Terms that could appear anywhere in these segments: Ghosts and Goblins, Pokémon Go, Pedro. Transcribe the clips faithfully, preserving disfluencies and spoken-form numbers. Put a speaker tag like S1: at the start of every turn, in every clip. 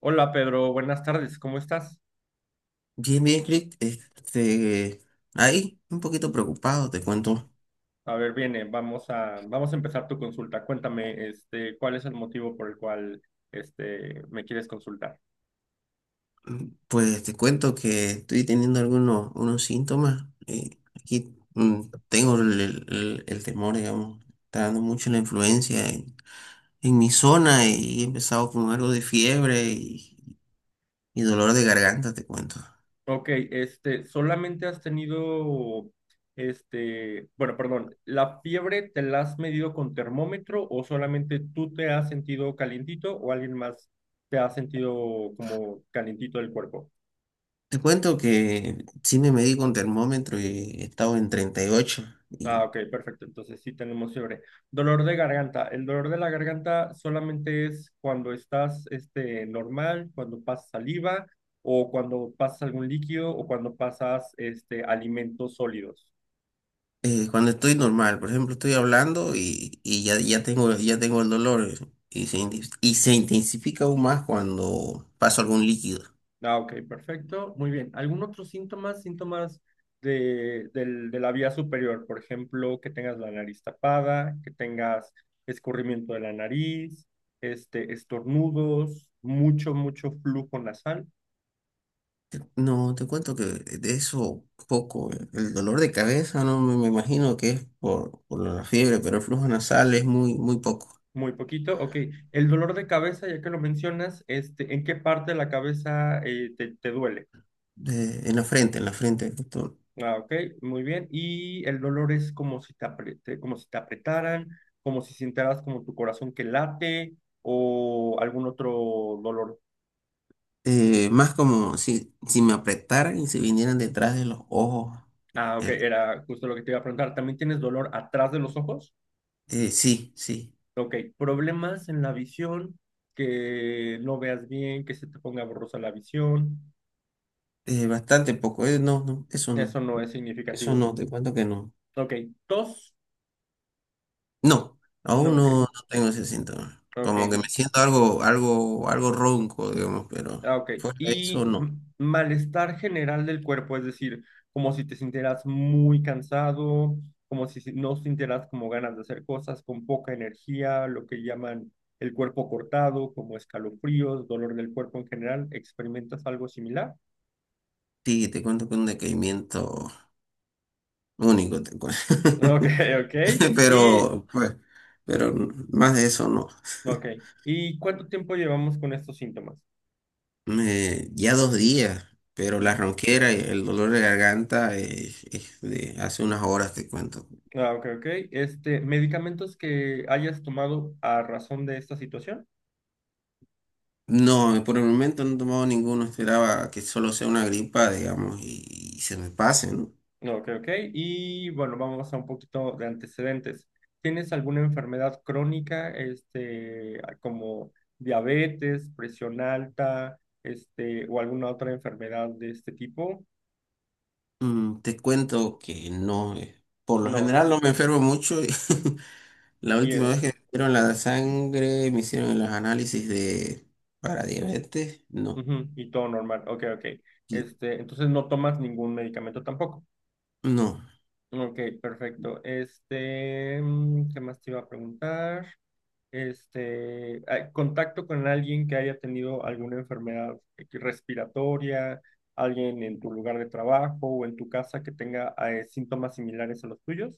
S1: Hola Pedro, buenas tardes, ¿cómo estás?
S2: Bien, bien, Crick, este, ahí un poquito preocupado, te cuento.
S1: A ver, viene, vamos a, vamos a empezar tu consulta. Cuéntame, este, ¿cuál es el motivo por el cual, este, me quieres consultar?
S2: Pues te cuento que estoy teniendo algunos unos síntomas. eh, aquí mm, tengo el, el- el- temor, digamos, está dando mucho la influencia en, en mi zona y he empezado con algo de fiebre y, y dolor de garganta, te cuento.
S1: Ok, este, solamente has tenido, este, bueno, perdón, ¿la fiebre te la has medido con termómetro o solamente tú te has sentido calientito o alguien más te ha sentido como calientito del cuerpo?
S2: Te cuento que sí me medí con termómetro y he estado en treinta y ocho.
S1: Ah, ok, perfecto. Entonces sí tenemos fiebre. Dolor de garganta. El dolor de la garganta solamente es cuando estás este, normal, cuando pasas saliva o cuando pasas algún líquido o cuando pasas este, alimentos sólidos.
S2: Eh, cuando estoy normal, por ejemplo, estoy hablando y, y ya, ya tengo, ya tengo el dolor, eh, y se, inten- y se intensifica aún más cuando paso algún líquido.
S1: Ah, ok, perfecto. Muy bien. ¿Algún otro síntoma? Síntomas de, del- de la vía superior. Por ejemplo, que tengas la nariz tapada, que tengas escurrimiento de la nariz, este, estornudos, mucho, mucho flujo nasal.
S2: Te- No, te cuento que de eso poco, eh, el dolor de cabeza no me, me imagino que es por, por la fiebre, pero el flujo nasal es muy, muy poco.
S1: Muy poquito, ok. El dolor de cabeza, ya que lo mencionas, este, ¿en qué parte de la cabeza eh, te, te duele?
S2: Eh, en la frente, en la frente, justo.
S1: Ah, ok, muy bien. Y el dolor es como si te apre- te- como si te apretaran, como si sintieras como tu corazón que late o algún otro dolor.
S2: Eh, más como si, si me apretaran y se vinieran detrás de los ojos.
S1: Ah, ok,
S2: el-
S1: era justo lo que te iba a preguntar. ¿También tienes dolor atrás de los ojos?
S2: eh, sí, sí.
S1: Ok, problemas en la visión, que no veas bien, que se te ponga borrosa la visión.
S2: Eh, bastante poco, eh, no, no, eso no.
S1: Eso no es
S2: Eso
S1: significativo.
S2: no, te cuento que no.
S1: Ok, tos.
S2: No,
S1: No,
S2: aún
S1: ok.
S2: no, no tengo ese síntoma.
S1: Ok,
S2: Como que me
S1: mm,
S2: siento algo, algo, algo ronco, digamos, pero
S1: ah, ok.
S2: fuera de eso
S1: Y mm,
S2: no.
S1: malestar general del cuerpo, es decir, como si te sintieras muy cansado, como si si- no sintieras como ganas de hacer cosas, con poca energía, lo que llaman el cuerpo cortado, como escalofríos, dolor del cuerpo en general, ¿experimentas algo similar?
S2: Sí, te cuento que un decaimiento único, te cuento.
S1: Ok, ok. Y,
S2: Pero, pues, pero más de eso no.
S1: ok. ¿Y cuánto tiempo llevamos con estos síntomas?
S2: Me- ya dos días, pero la
S1: Mm,
S2: ronquera y el dolor de garganta es, es de hace unas horas, te cuento.
S1: Ah, ok, ok. Este, ¿medicamentos que hayas tomado a razón de esta situación?
S2: No, por el momento no he tomado ninguno, esperaba que solo sea una gripa, digamos, y, y se me pase, ¿no?
S1: No, ok, ok. Y bueno, vamos a un poquito de antecedentes. ¿Tienes alguna enfermedad crónica, este, como diabetes, presión alta, este, o alguna otra enfermedad de este tipo?
S2: Mm, te cuento que no, eh, por lo
S1: No.
S2: general no me enfermo mucho. Y la
S1: Y,
S2: última
S1: eh,
S2: vez que me hicieron la sangre, me hicieron los análisis de para diabetes, no,
S1: ujú, y todo normal. Ok, ok.
S2: y-
S1: Este, entonces no tomas ningún medicamento tampoco.
S2: no.
S1: Ok, perfecto. Este, mm, ¿qué más te iba a preguntar? este, a- contacto con alguien que haya tenido alguna enfermedad respiratoria, alguien en tu lugar de trabajo o en tu casa que tenga eh, síntomas similares a los tuyos.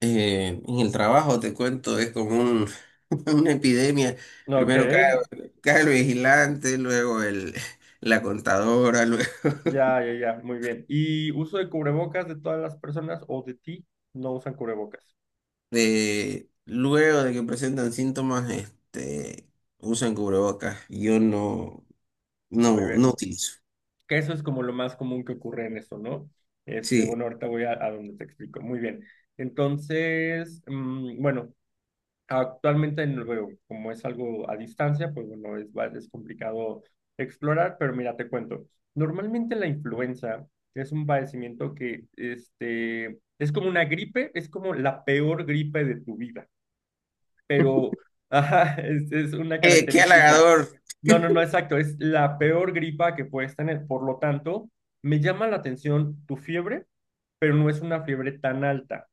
S2: Eh, en el trabajo, te cuento, es como un- una epidemia.
S1: Ok,
S2: Primero cae, cae el vigilante, luego el, la contadora,
S1: ya, ya, ya, muy bien. ¿Y uso de cubrebocas de todas las personas o de ti? No usan cubrebocas.
S2: de luego de que presentan síntomas, este, usan cubrebocas. Yo no,
S1: Muy
S2: no, no
S1: bien.
S2: utilizo.
S1: Que eso es como lo más común que ocurre en eso, ¿no? Este,
S2: Sí.
S1: bueno, ahorita voy a, a donde te explico. Muy bien. Entonces, mm, bueno, actualmente no lo veo, como es algo a distancia, pues bueno, es, va- es complicado explorar, pero mira, te cuento. Normalmente la influenza es un padecimiento que este, es como una gripe, es como la peor gripe de tu vida, pero ajá, es, es una
S2: Eh, qué
S1: característica.
S2: halagador.
S1: No, no, no, exacto, es la peor gripa que puedes tener. Por lo tanto, me llama la atención tu fiebre, pero no es una fiebre tan alta.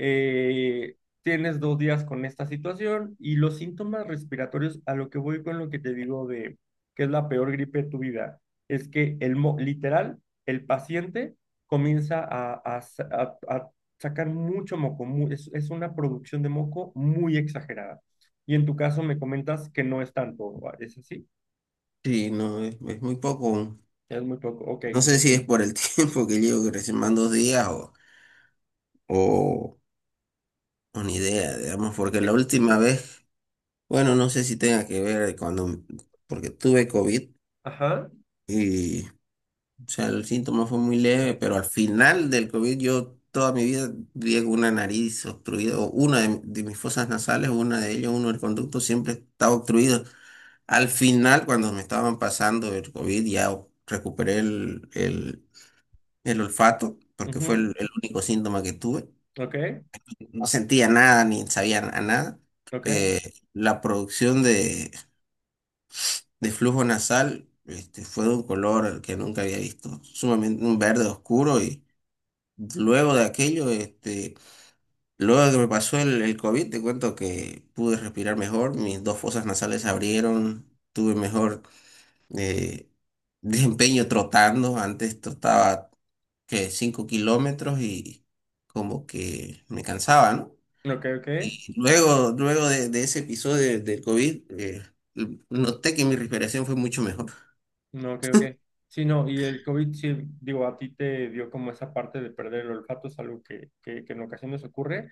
S1: eh, Tienes dos días con esta situación y los síntomas respiratorios, a lo que voy con lo que te digo de que es la peor gripe de tu vida, es que el mo- literal, el paciente comienza a, a sa- a- a sacar mucho moco, mu- es, es una producción de moco muy exagerada. Y en tu caso me comentas que no es tanto, ¿es así?
S2: Sí, no, es, es muy poco.
S1: Es muy poco, ok.
S2: No sé si es por el tiempo que llevo, que recién van dos días o, o, o ni idea, digamos, porque la
S1: Eh,
S2: última vez, bueno, no sé si tenga que ver cuando, porque tuve COVID
S1: Ajá,
S2: y, o sea, el síntoma fue muy leve, pero al final del COVID yo toda mi vida viví con una nariz obstruida, o una de, de mis fosas nasales, una de ellas, uno del conducto, siempre estaba obstruido. Al final, cuando me estaban pasando el COVID, ya o- recuperé el, el, el olfato, porque fue
S1: ujú,
S2: el, el único síntoma que tuve.
S1: ok,
S2: No sentía nada ni sabía a nada.
S1: ok,
S2: Eh, la producción de, de flujo nasal, este, fue de un color que nunca había visto, sumamente un verde oscuro. Y luego de aquello, este, luego de que me pasó el, el COVID, te cuento que pude respirar mejor, mis dos fosas nasales se abrieron, tuve mejor, eh, desempeño trotando. Antes trotaba que cinco kilómetros y como que me cansaba, ¿no?
S1: ok, ok.
S2: Y luego, luego de, de ese episodio del COVID, eh, noté que mi respiración fue mucho mejor.
S1: No, creo que sí, no, y el COVID, sí, digo, a ti te dio como esa parte de perder el olfato, es algo que, que, que en ocasiones ocurre.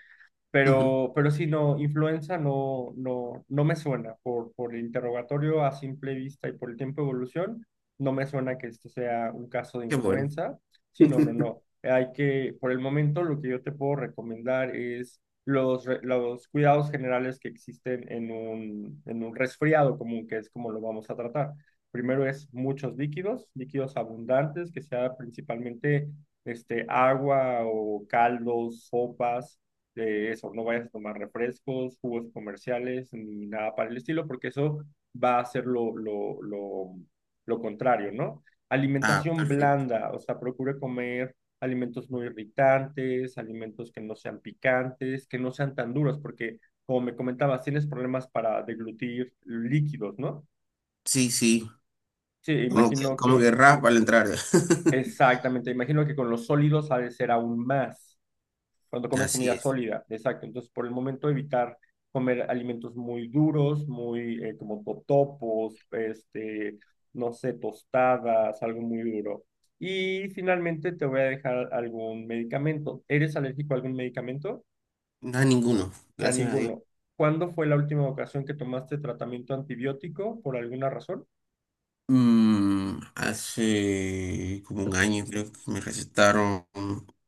S2: Ujú.
S1: Pero, pero sí, no, influenza no, no, no me suena por, por el interrogatorio a simple vista y por el tiempo de evolución, no me suena que esto sea un caso de
S2: Qué bueno.
S1: influenza. Sí, no, no, no. Hay que, por el momento, lo que yo te puedo recomendar es los, re- los cuidados generales que existen en un, en un resfriado común, que es como lo vamos a tratar. Primero es muchos líquidos, líquidos abundantes, que sea principalmente este, agua o caldos, sopas de eso, no vayas a tomar refrescos, jugos comerciales, ni nada para el estilo, porque eso va a ser lo, lo, lo, lo contrario, ¿no?
S2: Ah,
S1: Alimentación
S2: perfecto.
S1: blanda, o sea, procure comer alimentos no irritantes, alimentos que no sean picantes, que no sean tan duros, porque como me comentabas, tienes problemas para deglutir líquidos, ¿no?
S2: Sí, sí,
S1: Sí,
S2: como que,
S1: imagino
S2: como
S1: que,
S2: que raspa al entrar.
S1: exactamente, imagino que con los sólidos ha de ser aún más. Cuando comes
S2: Así
S1: comida
S2: es.
S1: sólida, exacto. Entonces, por el momento evitar comer alimentos muy duros, muy eh, como totopos, este, no sé, tostadas, algo muy duro. Y finalmente te voy a dejar algún medicamento. ¿Eres alérgico a algún medicamento?
S2: No a ninguno,
S1: A
S2: gracias a Dios.
S1: ninguno. ¿Cuándo fue la última ocasión que tomaste tratamiento antibiótico por alguna razón?
S2: Mm, hace como un año creo que me recetaron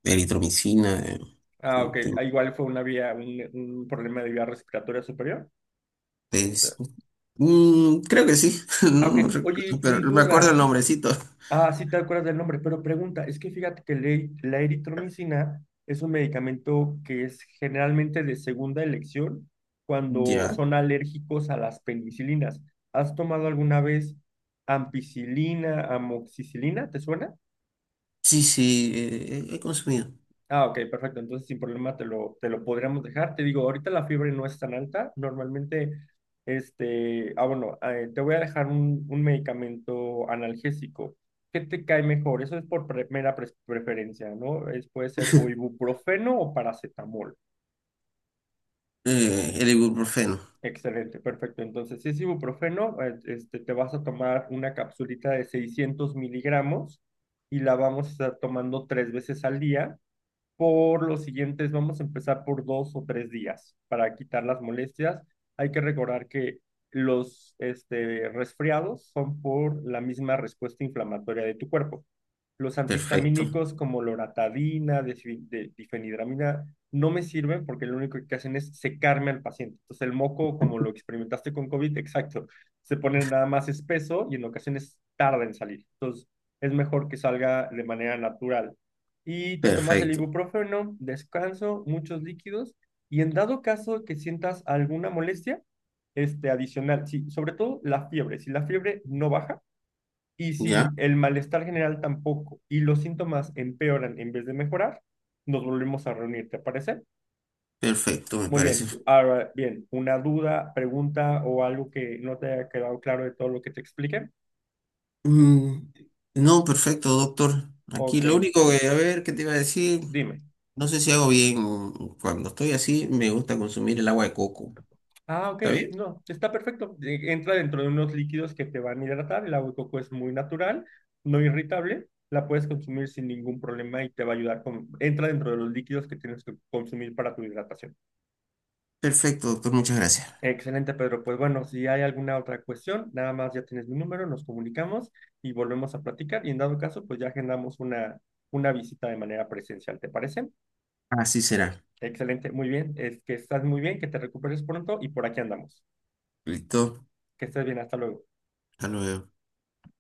S2: eritromicina. eh,
S1: Ah, ok.
S2: gente-
S1: Ah, igual fue una vía, un, un problema de vía respiratoria superior. O sea,
S2: es- mm, creo que sí,
S1: ah,
S2: no,
S1: ok.
S2: no
S1: Oye,
S2: recuerdo,
S1: y
S2: pero me acuerdo el
S1: duda,
S2: nombrecito.
S1: ah, sí te acuerdas del nombre, pero pregunta, es que fíjate que la e- la eritromicina es un medicamento que es generalmente de segunda elección cuando
S2: Ya.
S1: son alérgicos a las penicilinas. ¿Has tomado alguna vez ampicilina, amoxicilina? ¿Te suena?
S2: Sí, sí, eh, he he consumido.
S1: Ah, ok, perfecto. Entonces, sin problema, te lo, te lo podríamos dejar. Te digo, ahorita la fiebre no es tan alta. Normalmente, este, ah, bueno, eh, te voy a dejar un, un medicamento analgésico. ¿Qué te cae mejor? Eso es por pre- mera pres- preferencia, ¿no? Es, puede ser o ibuprofeno o paracetamol.
S2: Eh, el ibuprofeno.
S1: Excelente, perfecto. Entonces, si es ibuprofeno, eh, este, te vas a tomar una capsulita de seiscientos miligramos y la vamos a estar tomando tres veces al día por los siguientes, vamos a empezar por dos o tres días para quitar las molestias. Hay que recordar que los este, resfriados son por la misma respuesta inflamatoria de tu cuerpo. Los
S2: Perfecto,
S1: antihistamínicos como loratadina, de- difenidramina, no me sirven porque lo único que hacen es secarme al paciente. Entonces el moco, como lo experimentaste con COVID, exacto, se pone nada más espeso y en ocasiones tarda en salir. Entonces es mejor que salga de manera natural y te tomas el
S2: perfecto.
S1: ibuprofeno, descanso, muchos líquidos y en dado caso que sientas alguna molestia, este adicional, sí, sobre todo la fiebre, si la fiebre no baja y si
S2: Ya,
S1: el malestar general tampoco y los síntomas empeoran en vez de mejorar, nos volvemos a reunir, ¿te parece?
S2: perfecto, me
S1: Muy
S2: parece.
S1: bien, ahora bien, una duda, pregunta o algo que no te haya quedado claro de todo lo que te expliqué.
S2: Mm, no, perfecto, doctor. Aquí
S1: Ok,
S2: lo único que, a ver, ¿qué te iba a decir?
S1: dime.
S2: No sé si hago bien, mm, cuando estoy así, me gusta consumir el agua de coco.
S1: Ah, ok,
S2: ¿Está bien?
S1: no, está perfecto. Eh, Entra dentro de unos líquidos que te van a hidratar. El agua de coco es muy natural, no irritable. La puedes consumir sin ningún problema y te va a ayudar con... Entra dentro de los líquidos que tienes que consumir para tu hidratación.
S2: Perfecto, doctor, muchas gracias.
S1: Excelente, Pedro. Pues bueno, si hay alguna otra cuestión, nada más ya tienes mi número, nos comunicamos y volvemos a platicar. Y en dado caso, pues ya agendamos una, una visita de manera presencial, ¿te parece?
S2: Así será.
S1: Excelente, muy bien. Es que estás muy bien, que te recuperes pronto y por aquí andamos.
S2: Listo,
S1: Que estés bien, hasta luego.
S2: hasta luego.